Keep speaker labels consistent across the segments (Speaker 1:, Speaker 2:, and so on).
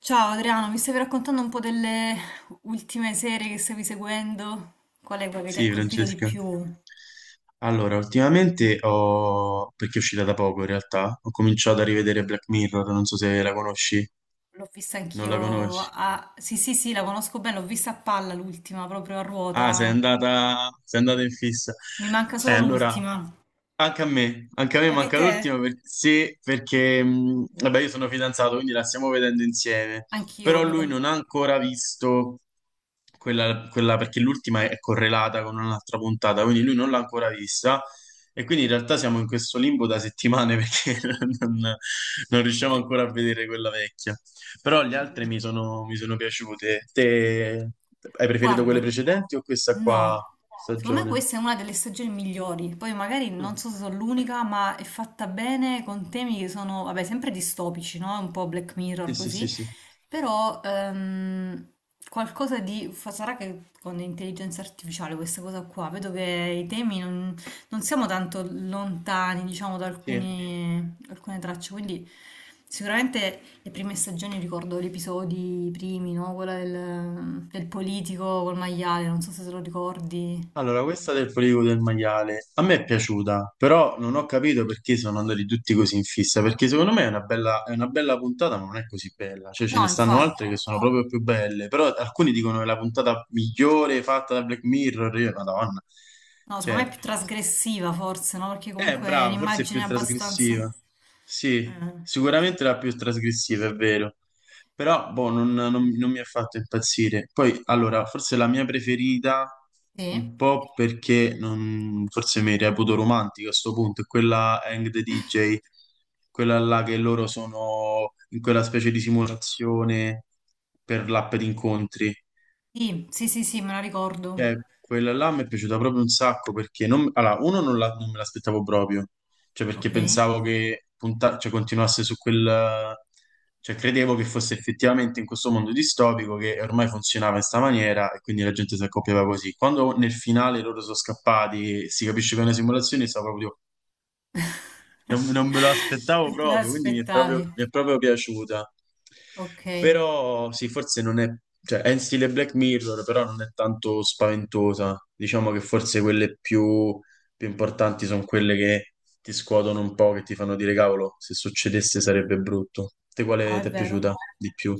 Speaker 1: Ciao Adriano, mi stavi raccontando un po' delle ultime serie che stavi seguendo? Qual è quella che ti ha
Speaker 2: Sì,
Speaker 1: colpito di
Speaker 2: Francesca.
Speaker 1: più?
Speaker 2: Allora, ultimamente ho, perché è uscita da poco in realtà, ho cominciato a rivedere Black Mirror, non so se la conosci,
Speaker 1: L'ho vista
Speaker 2: non la
Speaker 1: anch'io
Speaker 2: conosci.
Speaker 1: a... Sì, sì, sì, la conosco bene, l'ho vista a palla l'ultima, proprio a
Speaker 2: Ah, sei
Speaker 1: ruota.
Speaker 2: andata, sei andata in fissa.
Speaker 1: Mi manca solo
Speaker 2: Allora,
Speaker 1: l'ultima.
Speaker 2: anche a me
Speaker 1: Anche
Speaker 2: manca
Speaker 1: te?
Speaker 2: l'ultima sì, perché, vabbè, io sono fidanzato, quindi la stiamo vedendo insieme,
Speaker 1: Anch'io,
Speaker 2: però
Speaker 1: il mio
Speaker 2: lui non ha ancora visto quella, perché l'ultima è correlata con un'altra puntata, quindi lui non l'ha ancora vista e quindi in realtà siamo in questo limbo da settimane perché non non riusciamo ancora a vedere quella vecchia. Però le altre
Speaker 1: compagno.
Speaker 2: mi sono piaciute. Te hai preferito quelle
Speaker 1: Guarda,
Speaker 2: precedenti o questa qua
Speaker 1: no, secondo me
Speaker 2: stagione?
Speaker 1: questa è una delle stagioni migliori. Poi magari non
Speaker 2: Mm,
Speaker 1: so se sono l'unica, ma è fatta bene con temi che sono, vabbè, sempre distopici, no? Un po' Black
Speaker 2: sì,
Speaker 1: Mirror
Speaker 2: sì, sì,
Speaker 1: così,
Speaker 2: sì.
Speaker 1: però qualcosa di... fa- Sarà che con l'intelligenza artificiale questa cosa qua, vedo che i temi non, non siamo tanto lontani, diciamo, da
Speaker 2: Sì.
Speaker 1: alcune tracce, quindi sicuramente le prime stagioni ricordo gli episodi primi, no? Quella del politico col maiale, non so se te lo ricordi.
Speaker 2: Allora, questa del poligono del maiale a me è piaciuta, però non ho capito perché sono andati tutti così in fissa, perché secondo me è una bella puntata, ma non è così bella, cioè ce
Speaker 1: No,
Speaker 2: ne stanno
Speaker 1: infatti,
Speaker 2: altre che sono proprio più belle, però alcuni dicono che è la puntata migliore fatta da Black Mirror, io, Madonna,
Speaker 1: no, secondo me è più
Speaker 2: cioè,
Speaker 1: trasgressiva forse, no? Perché comunque è
Speaker 2: bravo, forse è
Speaker 1: un'immagine
Speaker 2: più
Speaker 1: abbastanza...
Speaker 2: trasgressiva, sì,
Speaker 1: eh, che-
Speaker 2: sicuramente la più trasgressiva, è vero. Però, boh, non mi ha fatto impazzire. Poi, allora, forse la mia preferita,
Speaker 1: Sì.
Speaker 2: un po' perché forse mi reputo romantico a sto punto, è quella Hang the DJ, quella là che loro sono in quella specie di simulazione per l'app di incontri.
Speaker 1: Sì, sì, sì, sì, me la ricordo.
Speaker 2: Quella là mi è piaciuta proprio un sacco perché non, allora, uno non, non me l'aspettavo proprio, cioè perché
Speaker 1: Ok.
Speaker 2: pensavo che cioè, continuasse su quel, cioè credevo che fosse effettivamente in questo mondo distopico che ormai funzionava in sta maniera e quindi la gente si accoppiava così. Quando nel finale loro sono scappati e si capisce che è una simulazione, stavo proprio non me lo aspettavo
Speaker 1: Non te
Speaker 2: proprio, quindi mi è proprio,
Speaker 1: l'aspettavi.
Speaker 2: mi è proprio piaciuta.
Speaker 1: Ok.
Speaker 2: Però sì, forse non è, cioè è in stile Black Mirror, però non è tanto spaventosa. Diciamo che forse quelle più importanti sono quelle che ti scuotono un po', che ti fanno dire cavolo, se succedesse sarebbe brutto. Te
Speaker 1: No,
Speaker 2: quale
Speaker 1: è
Speaker 2: ti è
Speaker 1: vero.
Speaker 2: piaciuta di più?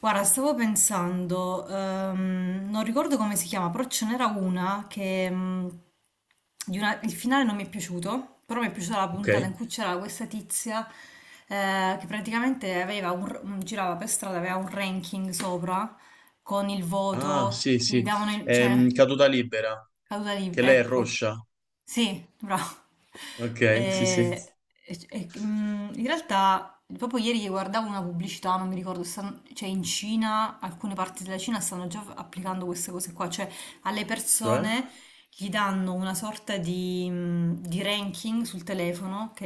Speaker 1: Guarda, stavo pensando, non ricordo come si chiama, però ce n'era una che di una- il finale non mi è piaciuto, però mi è piaciuta la
Speaker 2: Ok?
Speaker 1: puntata in cui c'era questa tizia che praticamente aveva un r- un- girava per strada, aveva un ranking sopra con il
Speaker 2: Ah,
Speaker 1: voto
Speaker 2: sì,
Speaker 1: che gli
Speaker 2: sì.
Speaker 1: davano, in- cioè
Speaker 2: Caduta libera,
Speaker 1: Causa
Speaker 2: che
Speaker 1: libera,
Speaker 2: lei è
Speaker 1: ecco.
Speaker 2: rossa.
Speaker 1: Sì, bravo.
Speaker 2: Ok, sì, sì.
Speaker 1: Eh, e- mm, in realtà, proprio ieri guardavo una pubblicità, non mi ricordo, stan- cioè in Cina, alcune parti della Cina stanno già applicando queste cose qua, cioè alle
Speaker 2: Cioè?
Speaker 1: persone gli danno una sorta di, mm, di ranking sul telefono, ok?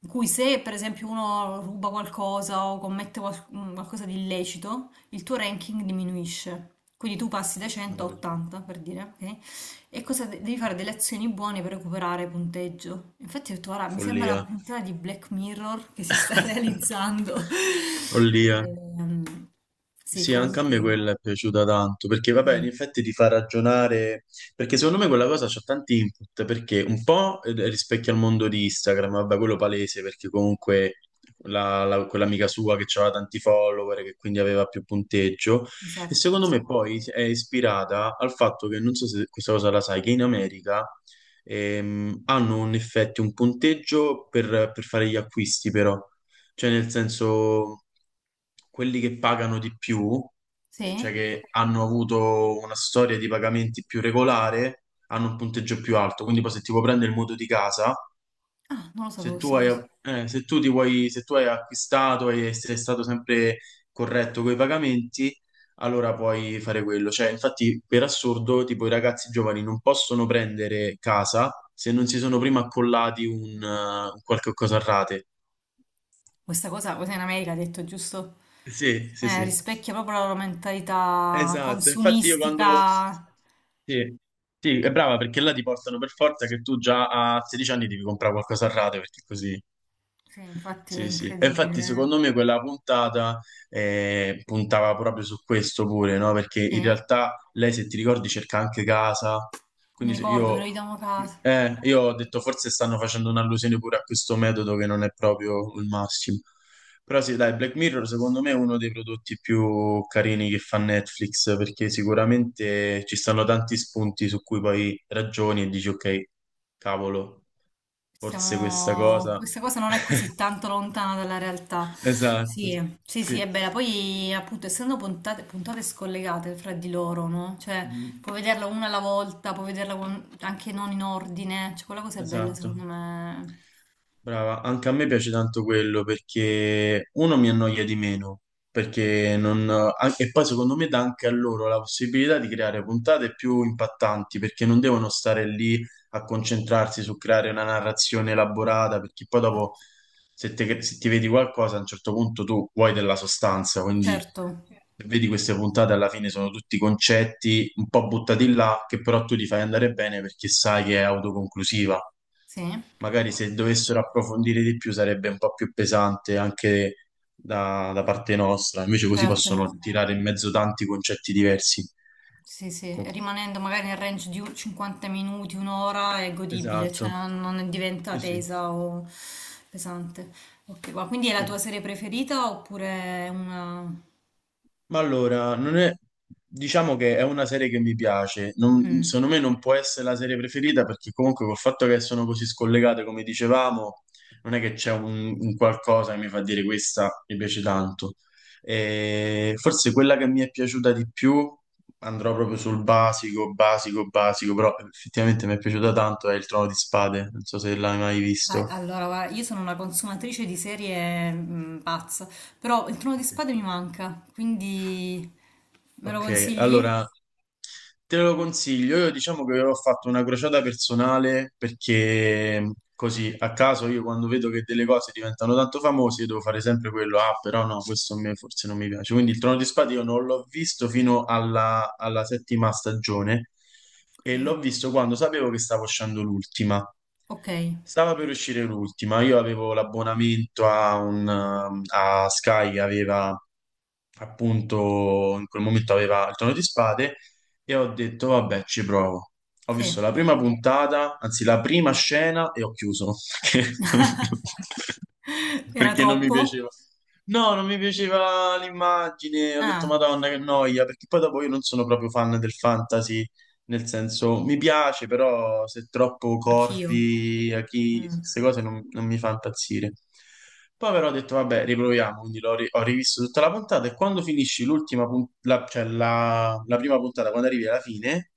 Speaker 1: In cui se per esempio uno ruba qualcosa o commette qual- mm, qualcosa di illecito, il tuo ranking diminuisce. Quindi tu passi da 100 a
Speaker 2: Madonna,
Speaker 1: 80, per dire, ok? E cosa de- devi fare delle azioni buone per recuperare punteggio. Infatti ho detto, guarda, mi sembra la
Speaker 2: follia.
Speaker 1: puntata di Black Mirror che si sta realizzando.
Speaker 2: Follia.
Speaker 1: Ehm, sì,
Speaker 2: Sì, anche a
Speaker 1: comunque,
Speaker 2: me quella è piaciuta tanto, perché vabbè, in
Speaker 1: mm,
Speaker 2: effetti ti fa ragionare, perché secondo me quella cosa c'ha tanti input, perché un po' rispecchia il mondo di Instagram, vabbè, quello palese, perché comunque quell'amica sua che aveva tanti follower, che quindi aveva più punteggio, e
Speaker 1: esatto.
Speaker 2: secondo me poi è ispirata al fatto che, non so se questa cosa la sai, che in America hanno un effetto, un punteggio per fare gli acquisti però. Cioè, nel senso, quelli che pagano di più, cioè
Speaker 1: Sì?
Speaker 2: che hanno avuto una storia di pagamenti più regolare, hanno un punteggio più alto. Quindi poi se ti vuoi prendere il mutuo di casa,
Speaker 1: Ah, non lo sapevo
Speaker 2: se tu
Speaker 1: questa
Speaker 2: hai,
Speaker 1: cosa.
Speaker 2: se tu ti vuoi, se tu hai acquistato e sei stato sempre corretto con i pagamenti, allora puoi fare quello. Cioè, infatti, per assurdo, tipo i ragazzi giovani non possono prendere casa se non si sono prima accollati un qualche cosa a rate.
Speaker 1: Questa cosa, cosa in America ha detto, giusto?
Speaker 2: Sì, sì, sì.
Speaker 1: Rispecchia proprio la loro mentalità
Speaker 2: Esatto, infatti io quando...
Speaker 1: consumistica.
Speaker 2: Sì, sì, è brava perché là ti portano per forza che tu già a 16 anni devi comprare qualcosa a rate perché così...
Speaker 1: Sì, infatti è
Speaker 2: Sì, sì, e infatti secondo
Speaker 1: incredibile.
Speaker 2: me quella puntata puntava proprio su questo pure, no? Perché in
Speaker 1: Eh. Sì,
Speaker 2: realtà lei, se ti ricordi, cerca anche casa,
Speaker 1: mi
Speaker 2: quindi
Speaker 1: ricordo che noi davamo casa.
Speaker 2: io ho detto forse stanno facendo un'allusione pure a questo metodo che non è proprio il massimo. Però sì, dai, Black Mirror secondo me è uno dei prodotti più carini che fa Netflix, perché sicuramente ci stanno tanti spunti su cui poi ragioni e dici ok, cavolo. Forse questa
Speaker 1: Siamo-
Speaker 2: cosa.
Speaker 1: Questa cosa non è così tanto lontana dalla realtà.
Speaker 2: Esatto,
Speaker 1: Sì, sì, sì,
Speaker 2: sì,
Speaker 1: è bella. Poi, appunto, essendo puntate, puntate scollegate fra di loro, no? Cioè,
Speaker 2: Mhm,
Speaker 1: puoi vederla una alla volta, puoi vederla con- anche non in ordine. Cioè, quella cosa è bella,
Speaker 2: esatto.
Speaker 1: secondo me.
Speaker 2: Brava, anche a me piace tanto quello perché uno mi annoia di meno, perché non... e poi secondo me dà anche a loro la possibilità di creare puntate più impattanti, perché non devono stare lì a concentrarsi su creare una narrazione elaborata, perché poi dopo
Speaker 1: Infatti.
Speaker 2: se, se ti vedi qualcosa a un certo punto tu vuoi della sostanza, quindi
Speaker 1: Certo,
Speaker 2: se vedi queste puntate alla fine sono tutti concetti un po' buttati là, che però tu li fai andare bene perché sai che è autoconclusiva
Speaker 1: sì,
Speaker 2: magari se dovessero approfondire di più sarebbe un po' più pesante anche da parte nostra, invece così
Speaker 1: certo.
Speaker 2: possono tirare in mezzo tanti concetti diversi.
Speaker 1: Sì, sì,
Speaker 2: Co-
Speaker 1: rimanendo magari nel range di un- 50 minuti, un'ora è godibile, cioè
Speaker 2: Esatto,
Speaker 1: non, non diventa
Speaker 2: sì, sì,
Speaker 1: tesa o pesante. Ok, ma quindi è la tua
Speaker 2: sì.
Speaker 1: serie preferita oppure è una...
Speaker 2: Ma allora, non è, diciamo che è una serie che mi piace,
Speaker 1: Mm.
Speaker 2: secondo me non può essere la serie preferita perché comunque col fatto che sono così scollegate come dicevamo, non è che c'è un qualcosa che mi fa dire questa mi piace tanto. E forse quella che mi è piaciuta di più, andrò proprio sul basico, basico, basico, però effettivamente mi è piaciuta tanto, è Il Trono di Spade, non so se l'hai mai
Speaker 1: Ah,
Speaker 2: visto.
Speaker 1: allora, guarda, io sono una consumatrice di serie mm, pazza, però il Trono di Spade mi manca, quindi me lo
Speaker 2: Ok,
Speaker 1: consigli?
Speaker 2: allora... Te lo consiglio, io diciamo che ho fatto una crociata personale perché così a caso io quando vedo che delle cose diventano tanto famose io devo fare sempre quello, ah però no, questo a me forse non mi piace. Quindi il Trono di Spade io non l'ho visto fino alla settima stagione e
Speaker 1: Mm.
Speaker 2: l'ho visto quando sapevo che stava uscendo l'ultima.
Speaker 1: Ok,
Speaker 2: Stava per uscire l'ultima, io avevo l'abbonamento a Sky che aveva appunto in quel momento aveva il tono di spade e ho detto vabbè ci provo. Ho
Speaker 1: sì.
Speaker 2: visto la prima puntata, anzi la prima scena e ho chiuso perché,
Speaker 1: Era
Speaker 2: perché non mi
Speaker 1: troppo?
Speaker 2: piaceva. No, non mi piaceva l'immagine, ho detto
Speaker 1: Ah,
Speaker 2: Madonna che noia, perché poi dopo io non sono proprio fan del fantasy nel senso, mi piace, però se troppo
Speaker 1: anch'io.
Speaker 2: corvi, a chi,
Speaker 1: Mm.
Speaker 2: queste cose non mi fa impazzire. Poi però ho detto, vabbè, riproviamo, quindi ho rivisto tutta la puntata e quando finisci l'ultima cioè la prima puntata, quando arrivi alla fine,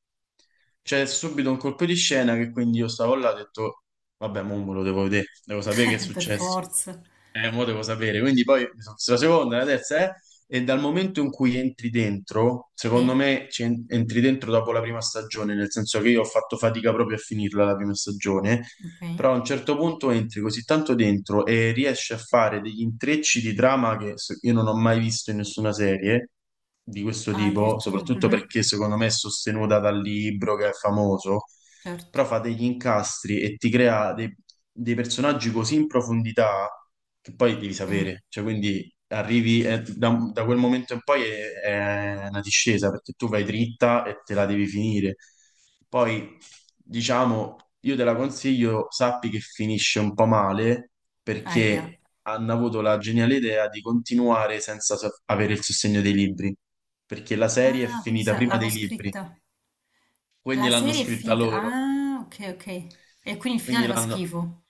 Speaker 2: c'è subito un colpo di scena che quindi io stavo là e ho detto, vabbè, mo me lo devo vedere, devo sapere che è
Speaker 1: Per
Speaker 2: successo.
Speaker 1: forza.
Speaker 2: Mo devo sapere. Quindi poi mi sono visto la seconda, la terza, eh. E dal momento in cui entri dentro, secondo
Speaker 1: Sì,
Speaker 2: me entri dentro dopo la prima stagione, nel senso che io ho fatto fatica proprio a finirla la prima stagione,
Speaker 1: ok.
Speaker 2: però a un certo punto entri così tanto dentro e riesci a fare degli intrecci di trama che io non ho mai visto in nessuna serie di questo
Speaker 1: Ah,
Speaker 2: tipo,
Speaker 1: addirittura,
Speaker 2: soprattutto
Speaker 1: mhm,
Speaker 2: perché secondo me è sostenuta dal libro che è famoso,
Speaker 1: certo.
Speaker 2: però fa degli incastri e ti crea dei personaggi così in profondità che poi devi
Speaker 1: Eh,
Speaker 2: sapere, cioè quindi arrivi da quel momento in poi è, una discesa perché tu vai dritta e te la devi finire. Poi, diciamo, io te la consiglio, sappi che finisce un po' male
Speaker 1: aia.
Speaker 2: perché hanno avuto la geniale idea di continuare senza avere il sostegno dei libri, perché la serie è
Speaker 1: Ah, quindi
Speaker 2: finita
Speaker 1: sa-
Speaker 2: prima
Speaker 1: l'hanno
Speaker 2: dei libri,
Speaker 1: scritta.
Speaker 2: quindi
Speaker 1: La
Speaker 2: l'hanno
Speaker 1: serie è
Speaker 2: scritta
Speaker 1: finta.
Speaker 2: loro,
Speaker 1: Ah, ok, ok. E quindi il
Speaker 2: quindi
Speaker 1: finale fa
Speaker 2: l'hanno
Speaker 1: schifo.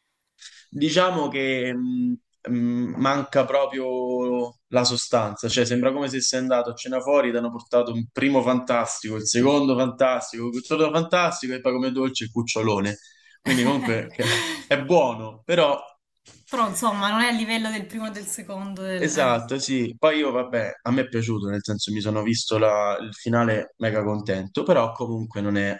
Speaker 2: Diciamo che mh, manca proprio la sostanza, cioè sembra come se sei andato a cena fuori, ti hanno portato un primo fantastico, il secondo fantastico, il terzo fantastico e poi come dolce il cucciolone. Quindi comunque che- è buono, però
Speaker 1: Però insomma, non è a livello del primo e del secondo. Del, eh.
Speaker 2: esatto, sì. Poi io vabbè, a me è piaciuto, nel senso mi sono visto il finale mega contento, però comunque non è,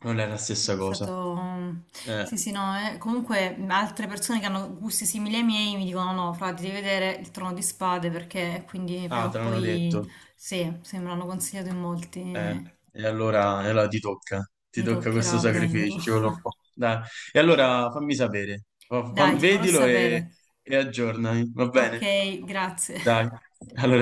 Speaker 2: non è la stessa
Speaker 1: È
Speaker 2: cosa.
Speaker 1: stato...
Speaker 2: Eh.
Speaker 1: Sì, sì, no. Eh. Comunque altre persone che hanno gusti simili ai miei mi dicono no, fra, ti devi vedere il Trono di Spade perché quindi prima
Speaker 2: Ah,
Speaker 1: o
Speaker 2: te l'hanno
Speaker 1: poi...
Speaker 2: detto.
Speaker 1: Sì, se me l'hanno consigliato in molti,
Speaker 2: Eh, e allora ti tocca, ti
Speaker 1: mi
Speaker 2: tocca questo
Speaker 1: toccherà prenderlo.
Speaker 2: sacrificio, ci vuole un po'. Dai. E allora fammi sapere,
Speaker 1: Dai, ti farò
Speaker 2: vedilo e,
Speaker 1: sapere.
Speaker 2: e aggiornami, va
Speaker 1: Ok,
Speaker 2: bene?
Speaker 1: grazie.
Speaker 2: Dai,
Speaker 1: Ciao.
Speaker 2: allora.